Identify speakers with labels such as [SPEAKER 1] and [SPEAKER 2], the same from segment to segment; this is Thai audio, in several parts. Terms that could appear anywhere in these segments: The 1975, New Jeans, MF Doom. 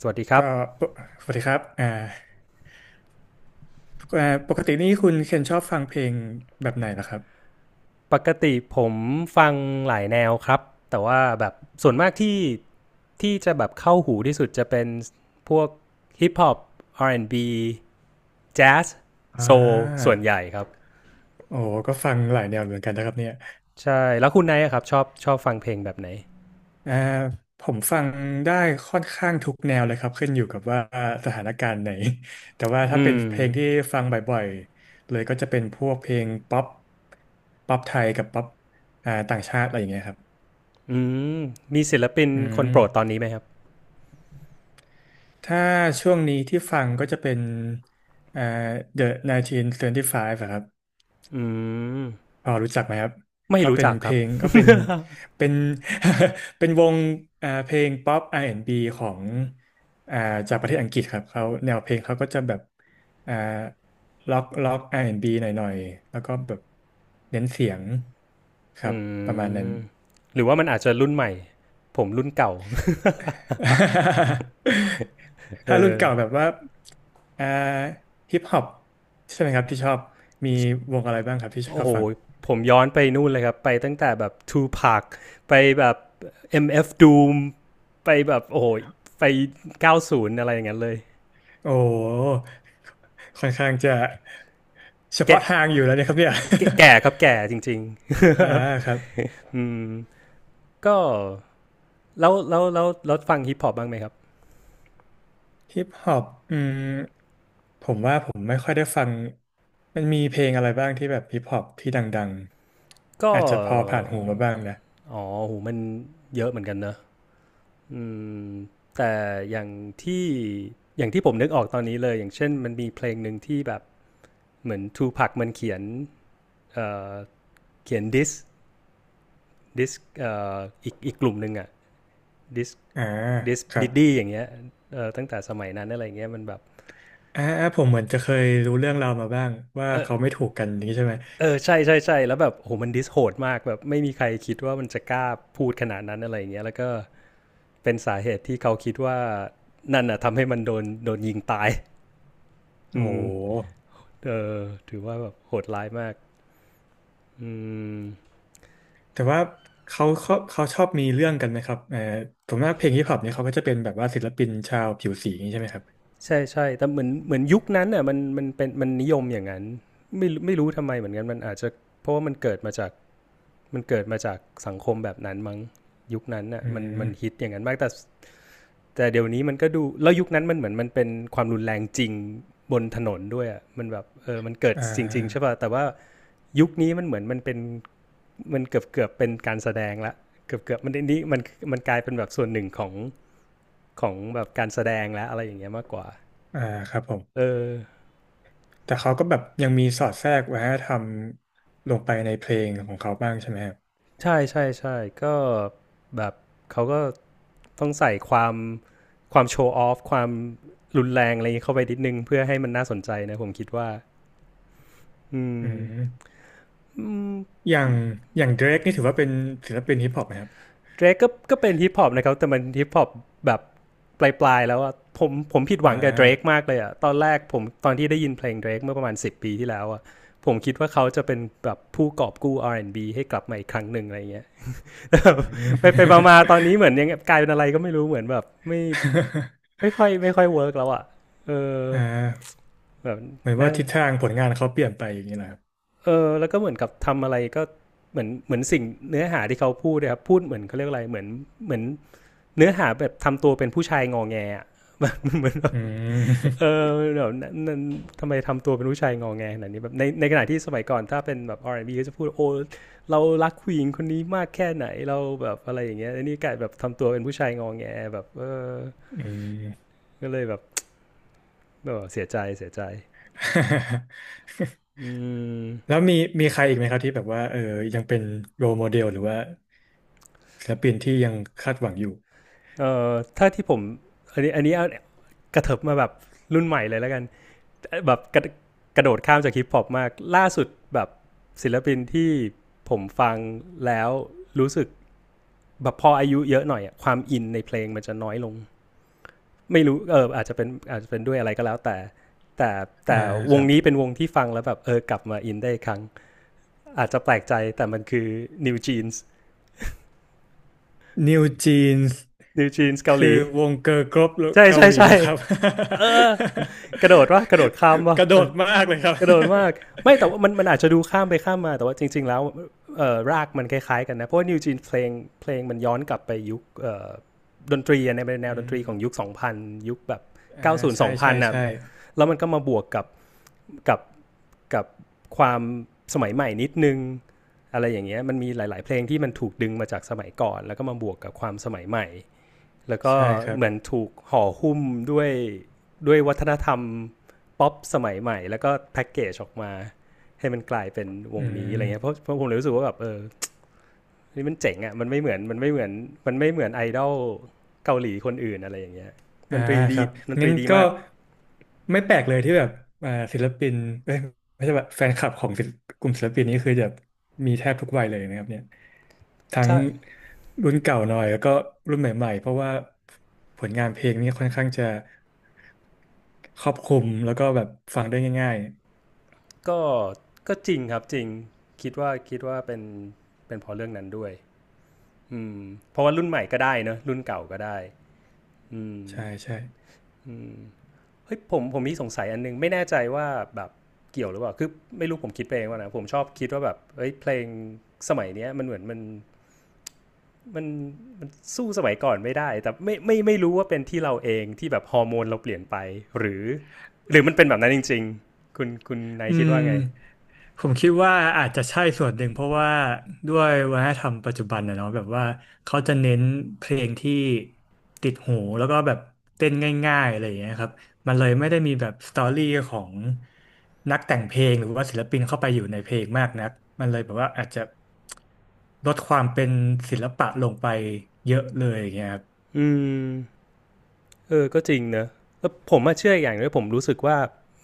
[SPEAKER 1] สวัสดีครั
[SPEAKER 2] ก็
[SPEAKER 1] บ
[SPEAKER 2] ปกสวัสดีครับปกตินี่คุณเคนชอบฟังเพลงแบบไหนล่ะครับ
[SPEAKER 1] ปกติผมฟังหลายแนวครับแต่ว่าแบบส่วนมากที่จะแบบเข้าหูที่สุดจะเป็นพวกฮิปฮอป R&B แอนด์บีแจ๊ส
[SPEAKER 2] อ่
[SPEAKER 1] โซล
[SPEAKER 2] า
[SPEAKER 1] ส่วนใหญ่ครับ
[SPEAKER 2] โอ้ก็ฟังหลายแนวเหมือนกันนะครับเนี่ย
[SPEAKER 1] ใช่แล้วคุณไนท์ครับชอบฟังเพลงแบบไหน
[SPEAKER 2] อ่าผมฟังได้ค่อนข้างทุกแนวเลยครับขึ้นอยู่กับว่าสถานการณ์ไหน แต่ว่าถ้า
[SPEAKER 1] อื
[SPEAKER 2] เป็น
[SPEAKER 1] ม
[SPEAKER 2] เพลงที่ฟังบ่อยๆเลยก็จะเป็นพวกเพลงป๊อปป๊อปไทยกับป๊อปต่างชาติอะไรอย่างเงี้ยครับ
[SPEAKER 1] อืมมีศิลปิน
[SPEAKER 2] อื
[SPEAKER 1] คน
[SPEAKER 2] ม
[SPEAKER 1] โปรดตอนนี้ไหมครับ
[SPEAKER 2] ถ้าช่วงนี้ที่ฟังก็จะเป็นอ่า The 1975อะครับ
[SPEAKER 1] อืม
[SPEAKER 2] พอรู้จักไหมครับ
[SPEAKER 1] ไม่
[SPEAKER 2] ก็
[SPEAKER 1] รู้
[SPEAKER 2] เป็น
[SPEAKER 1] จัก
[SPEAKER 2] เพ
[SPEAKER 1] ครั
[SPEAKER 2] ล
[SPEAKER 1] บ
[SPEAKER 2] งก็เป็น เป็นวงเพลงป๊อปอาร์แอนด์บ b ของอ่าจากประเทศอังกฤษครับเขาแนวเพลงเขาก็จะแบบอ่าล็อกอาร์แอนด์บ b หน่อยๆแล้วก็แบบเน้นเสียงครั
[SPEAKER 1] อื
[SPEAKER 2] บประมาณนั้น
[SPEAKER 1] มหรือว่ามันอาจจะรุ่นใหม่ผมรุ่นเก่า
[SPEAKER 2] ถ้ารุ่นเก่า
[SPEAKER 1] เออ
[SPEAKER 2] แบบว่าอ่าฮิปฮอปใช่ไหมครับที่ชอบมีวงอะไรบ้างครับที่ช
[SPEAKER 1] โอ้
[SPEAKER 2] อบ
[SPEAKER 1] โห
[SPEAKER 2] ฟัง
[SPEAKER 1] ผมย้อนไปนู่นเลยครับไปตั้งแต่แบบทู p a c ไปแบบ MF Doom ไปแบบโอ้โหไป90อะไรอย่างนั้นเลย
[SPEAKER 2] โอ้ค่อนข้างจะ เฉ
[SPEAKER 1] แก่
[SPEAKER 2] พาะทางอยู่แล้วเนี่ยครับเนี่ย
[SPEAKER 1] แก่แก่ครับแก่จริง
[SPEAKER 2] อ่า
[SPEAKER 1] ๆ
[SPEAKER 2] ครับ
[SPEAKER 1] อืมก็แล้วฟังฮิปฮอปบ้างไหมครับ
[SPEAKER 2] ฮิปฮอปอืมผมว่าผมไม่ค่อยได้ฟังมันมีเพลงอะไรบ้างที่แบบฮิปฮอปที่ดังๆ
[SPEAKER 1] ก็
[SPEAKER 2] อาจจะพอผ่านหูมาบ้างนะ
[SPEAKER 1] อ๋อโหมันเยอะเหมือนกันเนอะอืมแต่อย่างที่อย่างที่ผมนึกออกตอนนี้เลยอย่างเช่นมันมีเพลงหนึ่งที่แบบเหมือนทูพักมันเขียนเอ่อเขียนดิสออีกกลุ่มหนึ่งอะดิส
[SPEAKER 2] อ่า
[SPEAKER 1] ดิส
[SPEAKER 2] ครั
[SPEAKER 1] ดิ
[SPEAKER 2] บ
[SPEAKER 1] ดดี้อย่างเงี้ยเออตั้งแต่สมัยนั้นอะไรเงี้ยมันแบบ
[SPEAKER 2] ผมเหมือนจะเคยรู้เรื่องราวมาบ้างว่า
[SPEAKER 1] เออ
[SPEAKER 2] เขาไม่ถูกกันนี้ใช่ไหม
[SPEAKER 1] เออใช่ใช่ใช่แล้วแบบโหมันดิสโหดมากแบบไม่มีใครคิดว่ามันจะกล้าพูดขนาดนั้นอะไรเงี้ยแล้วก็เป็นสาเหตุที่เขาคิดว่านั่นอะทำให้มันโดนยิงตาย
[SPEAKER 2] โอ้
[SPEAKER 1] อื
[SPEAKER 2] โห
[SPEAKER 1] มเออถือว่าแบบโหดร้ายมากอืม
[SPEAKER 2] แต่ว่าเขาชอบมีเรื่องกันไหมครับเออผมว่าเพลงฮิปฮอปเนี่ยเขาก็จะเป็นแบบว่าศิลปินชาวผิวสีอย่างนี้ใช่ไหมครับ
[SPEAKER 1] ใช่ใช่ แต่เหมือนยุคนั้นอ่ะมันเป็นมันนิยมอย่างนั้นไม่รู้ทำไมเหมือนกันมันอาจจะเพราะว่ามันเกิดมาจากสังคมแบบนั้นมั้งยุคนั้นน่ะ
[SPEAKER 2] อื
[SPEAKER 1] มันฮิต
[SPEAKER 2] ม
[SPEAKER 1] อย่างนั้นมากแต่เดี๋ยวนี้มันก็ดูแล้วยุคนั้นมันเหมือนมันเป็นความรุนแรงจริงบนถนนด้วยอ่ะมันแบบเออมันเกิด
[SPEAKER 2] อ่
[SPEAKER 1] จริงๆใช่
[SPEAKER 2] า
[SPEAKER 1] ป่ะแต่ว่ายุคนี้มันเหมือนมันเป็นมันเกือบเกือบเป็นการแสดงละเกือบเกือบมันนนี้มันกลายเป็นแบบส่วนหนึ่งของแบบการแสดงและอะไรอย่างเงี้ยมากกว่า
[SPEAKER 2] อ่าครับผม
[SPEAKER 1] เออ
[SPEAKER 2] แต่เขาก็แบบยังมีสอดแทรกวัฒนธรรมลงไปในเพลงของเขาบ้างใช่ไหมครับ
[SPEAKER 1] ใช่ใช่ใช่ก็แบบเขาก็ ต้องใส่ความโชว์ออฟความรุนแรงอะไรเข้าไปนิดนึงเพื่อให้มันน่าสนใจนะผมคิดว่าอื
[SPEAKER 2] อื
[SPEAKER 1] ม
[SPEAKER 2] ม
[SPEAKER 1] อื
[SPEAKER 2] อย่างอย่างเดรกนี่ถือว่าเป็นศิลปินฮิปฮอปไหมครับ
[SPEAKER 1] เดรกก็เป็นฮิปฮอปนะครับแต่มันฮิปฮอปแบบปลายๆแล้วอะผมผิดห
[SPEAKER 2] อ่
[SPEAKER 1] วังกับเดรก
[SPEAKER 2] า
[SPEAKER 1] มากเลยอะตอนแรกผมตอนที่ได้ยินเพลงเดรกเมื่อประมาณ10ปีที่แล้วอะผมคิดว่าเขาจะเป็นแบบผู้กอบกู้ R&B ให้กลับมาอีกครั้งหนึ่งอะไรเงี้ย
[SPEAKER 2] อืม
[SPEAKER 1] ไปไปมาๆตอนนี้เหมือนยังกลายเป็นอะไรก็ไม่รู้เหมือนแบบไม่ไม่ค่อยเวิร์กแล้วอะเออ
[SPEAKER 2] อ่า
[SPEAKER 1] แบบ
[SPEAKER 2] เหมือนว่า
[SPEAKER 1] น่า
[SPEAKER 2] ทิศทางผลงานเขาเปลี่ยนไปอย่างนี้นะครับ
[SPEAKER 1] เออแล้วก็เหมือนกับทำอะไรก็เหมือนสิ่งเนื้อหาที่เขาพูดเลยครับพูดเหมือนเขาเรียกอะไรเหมือนเนื้อหาแบบทำตัวเป็นผู้ชายงอแงอะ แบบเหมือนแบบ
[SPEAKER 2] อื
[SPEAKER 1] เอ
[SPEAKER 2] ม
[SPEAKER 1] อแบบนั่นันทำไมทำตัวเป็นผู้ชายงอแงขนาดนี้แบบในขณะที่สมัยก่อนถ้าเป็นแบบ R&B ก็จะพูดโอ้เรารักผู้หญิงคนนี้มากแค่ไหนเราแบบอะไรอย่างเงี้ยนนี่กลายแบบทำตัวเป็นผู้ชายงอแงแบบเออ
[SPEAKER 2] อืม
[SPEAKER 1] ก็เลยแบบเเสียใจ อื
[SPEAKER 2] แล้
[SPEAKER 1] ม
[SPEAKER 2] วมีใครอีกไหมครับที่แบบว่ายังเป็นโร e โมเดลหรือว่าศิลปินที่ยังคาดหวังอยู่
[SPEAKER 1] เออถ้าที่ผมอันนี้เอากระเถิบมาแบบรุ่นใหม่เลยแล้วกัน แบบกระโดดข้ามจากฮิปฮอปมากล่าสุดแบบศิลปินที่ผมฟังแล้วรู้สึกแบบพออายุเยอะหน่อยอะความอินในเพลงมันจะน้อยลงไม่รู้เอออาจจะเป็นด้วยอะไรก็แล้วแต่แต่
[SPEAKER 2] อ่า
[SPEAKER 1] แต่ว
[SPEAKER 2] ค
[SPEAKER 1] ง
[SPEAKER 2] รับ
[SPEAKER 1] นี้เป็นวงที่ฟังแล้วแบบเออกลับมาอินได้ครั้งอาจจะแปลกใจแต่มันคือ New Jeans
[SPEAKER 2] New Jeans
[SPEAKER 1] New Jeans เกาห
[SPEAKER 2] คื
[SPEAKER 1] ลี
[SPEAKER 2] อวงเกิร์ลกรุ๊ป
[SPEAKER 1] ใช่
[SPEAKER 2] เกา
[SPEAKER 1] ใช่
[SPEAKER 2] หลี
[SPEAKER 1] ใช่
[SPEAKER 2] แล้วครับ
[SPEAKER 1] เออกระโดดว่ากระโดดข้าม
[SPEAKER 2] ก
[SPEAKER 1] ว่ะ
[SPEAKER 2] ระโด
[SPEAKER 1] เออ
[SPEAKER 2] ดมากเลยครับ
[SPEAKER 1] กระโดดมากไม่แต่ว่ามันมันอาจจะดูข้ามไปข้ามมาแต่ว่าจริงๆแล้วรากมันคล้ายๆกันนะเพราะว่านิวจีนเพลงมันย้อนกลับไปยุคดนตรีใน แนว
[SPEAKER 2] อื
[SPEAKER 1] ดนตรี
[SPEAKER 2] ม
[SPEAKER 1] ของยุคสองพันยุคแบบ
[SPEAKER 2] อ่า
[SPEAKER 1] 90
[SPEAKER 2] ใช่ใช่
[SPEAKER 1] 2000นน่ะ
[SPEAKER 2] ใช่
[SPEAKER 1] แล้วมันก็มาบวกกับกับความสมัยใหม่นิดนึงอะไรอย่างเงี้ยมันมีหลายๆเพลงที่มันถูกดึงมาจากสมัยก่อนแล้วก็มาบวกกับความสมัยใหม่ แล้วก็
[SPEAKER 2] ใช่ครับ
[SPEAKER 1] เหมือนถูกห่อหุ้มด้วยด้วยวัฒนธรรมป๊อปสมัยใหม่แล้วก็แพ็กเกจออกมาให้มันกลายเป็นว
[SPEAKER 2] อื
[SPEAKER 1] งนี้อะไรเงี้ยเพราะ
[SPEAKER 2] ม
[SPEAKER 1] เพราะผมเลยรู้สึกว่าแบบเออนี่มันเจ๋งอ่ะมันไม่เหมือนมันไม่เหมือนมันไม่เหมือนไอดอลเกาหลีคนอื่นอะไรอย่างเงี้ยด
[SPEAKER 2] อ่า
[SPEAKER 1] นตรี
[SPEAKER 2] ค
[SPEAKER 1] ดี
[SPEAKER 2] รับ
[SPEAKER 1] ดนต
[SPEAKER 2] งั้
[SPEAKER 1] รี
[SPEAKER 2] น
[SPEAKER 1] ดี
[SPEAKER 2] ก็
[SPEAKER 1] มาก
[SPEAKER 2] ไม่แปลกเลยที่แบบศิลปินเอ้ยไม่ใช่แบบแฟนคลับของศิลปกลุ่มศิลปินนี้คือจะมีแทบทุกวัยเลยนะครับเนี่ย ทั้ง
[SPEAKER 1] ใช่
[SPEAKER 2] รุ่นเก่าหน่อยแล้วก็รุ่นใหม่ๆ เพราะว่าผลงานเพลงนี่ค่อนข้างจะครอบคลุมแล้วก็แบบฟังได้ง่าย
[SPEAKER 1] ก็ก็จริงครับจริงคิดว่าเป็นเพราะเรื่องนั้นด้วยอืมเพราะว่ารุ่นใหม่ก็ได้เนอะรุ่นเก่าก็ได้อืม
[SPEAKER 2] ๆ ใช่ใช่
[SPEAKER 1] อืม เฮ้ยผมมีสงสัยอันนึงไม่แน่ใจว่าแบบเกี่ยวหรือเปล่าคือไม่รู้ผมคิดเองว่านะผมชอบคิดว่าแบบเฮ้ยเพลงสมัยเนี้ยมันเหมือนมันสู้สมัยก่อนไม่ได้แต่ไม่รู้ว่าเป็นที่เราเองที่แบบฮอร์โมนเราเปลี่ยนไปหรือหรือมันเป็นแบบนั้นจริงๆคุณนาย
[SPEAKER 2] อื
[SPEAKER 1] คิด
[SPEAKER 2] ม
[SPEAKER 1] ว่าไง
[SPEAKER 2] ผมคิดว่าอาจจะใช่ส่วนหนึ่งเพราะว่าด้วยวัฒนธรรมปัจจุบันนะเนาะแบบว่าเขาจะเน้นเพลงที่ติดหูแล้วก็แบบเต้นง่ายๆอะไรอย่างเงี้ยครับมันเลยไม่ได้มีแบบสตอรี่ของนักแต่งเพลงหรือว่าศิลปินเข้าไปอยู่ในเพลงมากนักมันเลยแบบว่าอาจจะลดความเป็นศิลปะลงไปเยอะเลยอย่างเงี้ยครับ
[SPEAKER 1] อืมเออก็จริงเนอะแล้วผมมาเชื่ออย่างหนึงผมรู้สึกว่า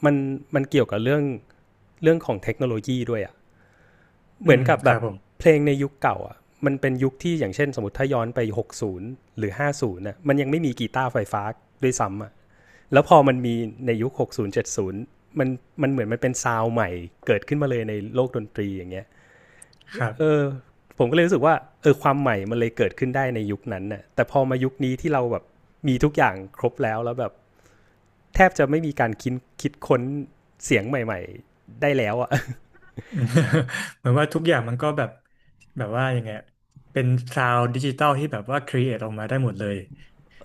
[SPEAKER 1] มันมันเกี่ยวกับเรื่องเรื่องของเทคโนโลยีด้วยอะ เห
[SPEAKER 2] อื
[SPEAKER 1] มือน
[SPEAKER 2] ม
[SPEAKER 1] กับ
[SPEAKER 2] ค
[SPEAKER 1] แบ
[SPEAKER 2] รั
[SPEAKER 1] บ
[SPEAKER 2] บผม
[SPEAKER 1] เพลงในยุคเก่าอ่ะมันเป็นยุคที่อย่างเช่นสมมติถ้าย้อนไป60หรือ50น่ะมันยังไม่มีกีตาร์ไฟฟ้าด้วยซ้ำอ่ะแล้วพอมันมีในยุค60 70มันเหมือนมันเป็นซาวด์ใหม่เกิดขึ้นมาเลยในโลกดนตรีอย่างเงี้ย
[SPEAKER 2] ครับ
[SPEAKER 1] เออผมก็เลยรู้สึกว่าเออความใหม่มันเลยเกิดขึ้นได้ในยุคนั้นน่ะแต่พอมายุคนี้ที่เราแบบมีทุกอย่างครบแล้วแล้วแบบแทบจะไม่มีการคิดคิดค้นเสียงใหม่ๆได้แล้วอะ
[SPEAKER 2] อืม เหมือนว่าทุกอย่างมันก็แบบแบบว่ายังไงอะเป็นซาวด์ดิจิตอลที่แบบว่าครีเอทออกมาได้หมดเลย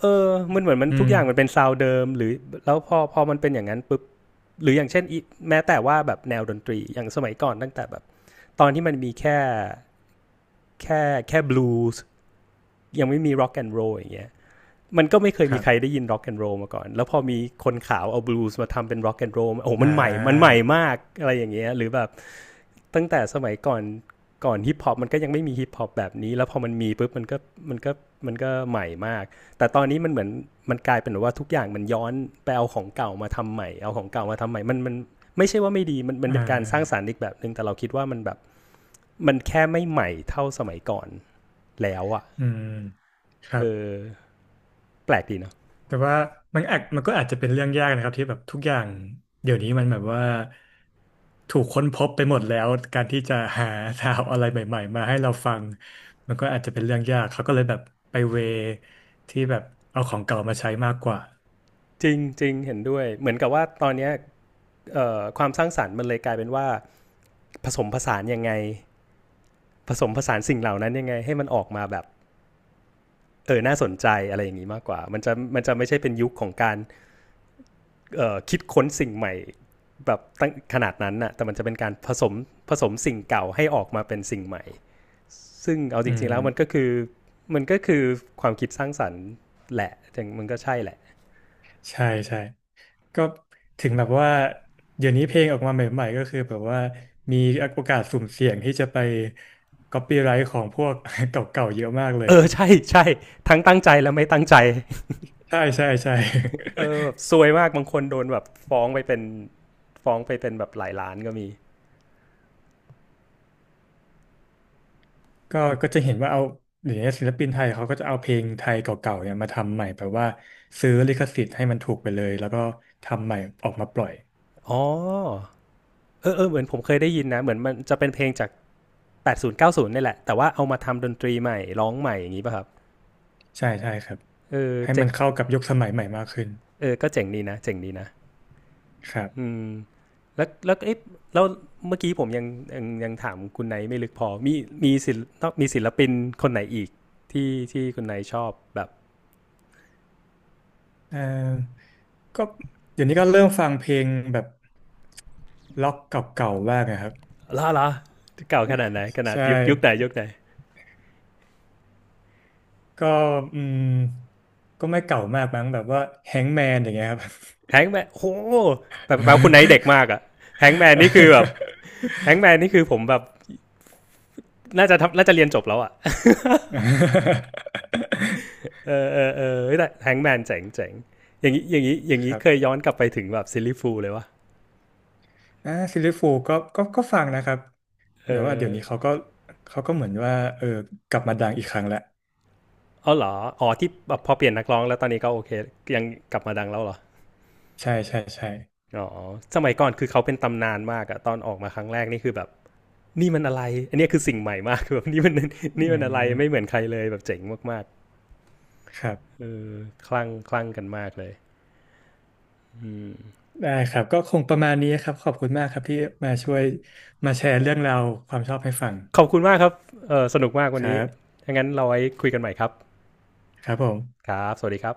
[SPEAKER 1] เออมันเหมือนมัน
[SPEAKER 2] อื
[SPEAKER 1] ทุก
[SPEAKER 2] ม
[SPEAKER 1] อย่างมันเป็นซาวด์เดิมหรือแล้วพอมันเป็นอย่างนั้นปุ๊บหรืออย่างเช่นแม้แต่ว่าแบบแนวดนตรีอย่างสมัยก่อนตั้งแต่แบบตอนที่มันมีแค่แค่บลูส์ยังไม่มีร็อกแอนด์โรลอย่างเงี้ยมันก็ไม่เคย
[SPEAKER 2] ค
[SPEAKER 1] มี
[SPEAKER 2] รั
[SPEAKER 1] ใคร
[SPEAKER 2] บ
[SPEAKER 1] ได้ยินร็อกแอนด์โรลมาก่อนแล้วพอมีคนขาวเอาบลูส์มาทำเป็นร็อกแอนด์โรลโอ้
[SPEAKER 2] อ่
[SPEAKER 1] มันใหม่มันให
[SPEAKER 2] า
[SPEAKER 1] ม่มากอะไรอย่างเงี้ยหรือแบบ ตั้งแต่สมัยก่อนฮิปฮอปมันก็ยังไม่มีฮิปฮอปแบบนี้แล้วพอมันมีปุ๊บมันก็มันก็ใหม่มากแต่ตอนนี้มันเหมือนมันกลายเป็นว่าทุกอย่างมันย้อนไปเอาของเก่ามาทำใหม่เอาของเก่ามาทำใหม่มันไม่ใช่ว่าไม่ดีมัน
[SPEAKER 2] อ่
[SPEAKER 1] เป็นการสร้างสรร
[SPEAKER 2] า
[SPEAKER 1] ค์อีกแบบหนึ่งแต่เราคิดว่ามันแบบมันแค่ไม่ใหม่เท่าสมัยก่อนแล้วอ่ะ
[SPEAKER 2] อืมครั
[SPEAKER 1] เอ
[SPEAKER 2] บ
[SPEAKER 1] อแปลกดีเนาะ
[SPEAKER 2] แต่ว่ามันก็อาจจะเป็นเรื่องยากนะครับที่แบบทุกอย่างเดี๋ยวนี้มันแบบว่าถูกค้นพบไปหมดแล้วการที่จะหาซาวด์อะไรใหม่ๆมาให้เราฟังมันก็อาจจะเป็นเรื่องยากเขาก็เลยแบบไปเวที่แบบเอาของเก่ามาใช้มากกว่า
[SPEAKER 1] จริงจริงเห็นด้วยเหมือนกับว่าตอนนี้ความสร้างสรรค์มันเลยกลายเป็นว่าผสมผสานยังไงผสมผสานสิ่งเหล่านั้นยังไงให้มันออกมาแบบ เออน่าสนใจอะไรอย่างนี้มากกว่ามันจะไม่ใช่เป็นยุคของการคิดค้นสิ่งใหม่แบบตั้งขนาดนั้นน่ะแต่มันจะเป็นการผสมผสมสิ่งเก่าให้ออกมาเป็นสิ่งใหม่ซึ่งเอาจ
[SPEAKER 2] อื
[SPEAKER 1] ริงๆแล้วมันก็
[SPEAKER 2] ม
[SPEAKER 1] คือมันก็คือความคิดสร้างสรรค์แหละมันก็ใช่แหละ
[SPEAKER 2] ใช่ใช่ ก็ถึงแบบว่าเดี๋ยวนี้เพลงออกมาใหม่ๆก็คือแบบว่ามีโอกาสสุ่มเสี่ยงที่จะไปก๊อปปี้ไรท์ของพวก เก่าๆเยอะมากเลย
[SPEAKER 1] เออใช่ทั้งตั้งใจและไม่ตั้งใจ
[SPEAKER 2] ใช่ใช่ใช่
[SPEAKER 1] เออแบบ ซวยมากบางคนโดนแบบฟ้องไปเป็นแบบหลายล้านก็มี
[SPEAKER 2] ก็จะเห็นว่าเอาเดี๋ยวนี้ศิลปินไทยเขาก็จะเอาเพลงไทยเก่าๆเนี่ยมาทำใหม่แบบว่าซื้อลิขสิทธิ์ให้มันถูกไปเลยแล้วก็ทำใหม่ออกมาปล่อย
[SPEAKER 1] อ๋อเออเหมือนผมเคยได้ยินนะเหมือนมันจะเป็นเพลงจาก 80 90นี่แหละแต่ว่าเอามาทำดนตรีใหม่ร้องใหม่อย่างนี้ป่ะครับ
[SPEAKER 2] ใช่ใช่ครับ
[SPEAKER 1] เออ
[SPEAKER 2] ให้
[SPEAKER 1] เจ๋
[SPEAKER 2] มั
[SPEAKER 1] ง
[SPEAKER 2] นเข้ากับยุคสมัยใหม่มากขึ้น
[SPEAKER 1] เออก็เจ๋งดีนะเจ๋งดีนะ
[SPEAKER 2] ครั
[SPEAKER 1] อื
[SPEAKER 2] บ
[SPEAKER 1] มแล้วแล้วเอ๊ะแล้วเมื่อกี้ผมยังถามคุณไนท์ไม่ลึกพอมีมีศิลป์ต้องมีศิลปินคนไหนอีกที่คุณไนท์ชอบแบบ
[SPEAKER 2] เอ่อก็เดี๋ยวนี้ก็เริ่มฟังเพลงแบบล็อกเก่าๆบ้างนะครับ
[SPEAKER 1] ล่าล่ะเก่าขนาดไหนขนาด
[SPEAKER 2] ใช่
[SPEAKER 1] ยุคไหนยุคไหน
[SPEAKER 2] ก็อืมก็ไม่เก่ามากมั้งแบบว่าแฮงแมนอย่างเงี้ยครับ
[SPEAKER 1] แฮงแมนโอ้แบบคุณไนท์เด็กมากอะแฮงแมนนี่คือแบบแฮงแมนนี่คือผมแบบน่าจะเรียนจบแล้วอะ เออแต่แฮงแมนเจ๋งอย่าง
[SPEAKER 2] ค
[SPEAKER 1] นี้
[SPEAKER 2] รั
[SPEAKER 1] เคย
[SPEAKER 2] บ
[SPEAKER 1] ย้อนกลับไปถึงแบบซิลลี่ฟูลเลยวะ
[SPEAKER 2] ซิลลี่ฟูลก็ฟังนะครับ
[SPEAKER 1] เอ
[SPEAKER 2] เดี๋ย
[SPEAKER 1] อ
[SPEAKER 2] วนี้เขาก็เหมือนว่ากลับมาดังอีกครั้งแล้ว
[SPEAKER 1] ออเหรออ๋อที่พอเปลี่ยนนักร้องแล้วตอนนี้ก็โอเคยังกลับมาดังแล้วเหรอ
[SPEAKER 2] ใช่ใช่ใช่
[SPEAKER 1] อ๋อสมัยก่อนคือเขาเป็นตำนานมากอะตอนออกมาครั้งแรกนี่คือแบบนี่มันอะไรอันนี้คือสิ่งใหม่มากคือแบบนี่มัน
[SPEAKER 2] อื
[SPEAKER 1] อะไรไม่เห
[SPEAKER 2] ม
[SPEAKER 1] มือนใครเลยแบบเจ๋งมาก
[SPEAKER 2] ครับ
[SPEAKER 1] ๆเออคลั่งกันมากเลยอืม
[SPEAKER 2] ได้ครับก็คงประมาณนี้ครับขอบคุณมากครับที่มาช่วยมาแชร์เรื่องราวความชอบให้ฟัง
[SPEAKER 1] ขอบคุณมากครับเออสนุกมากวั
[SPEAKER 2] ค
[SPEAKER 1] น
[SPEAKER 2] รั
[SPEAKER 1] นี้
[SPEAKER 2] บ
[SPEAKER 1] ถ้างั้นเราไว้คุยกันใหม่ครับ
[SPEAKER 2] ครับผม
[SPEAKER 1] ครับสวัสดีครับ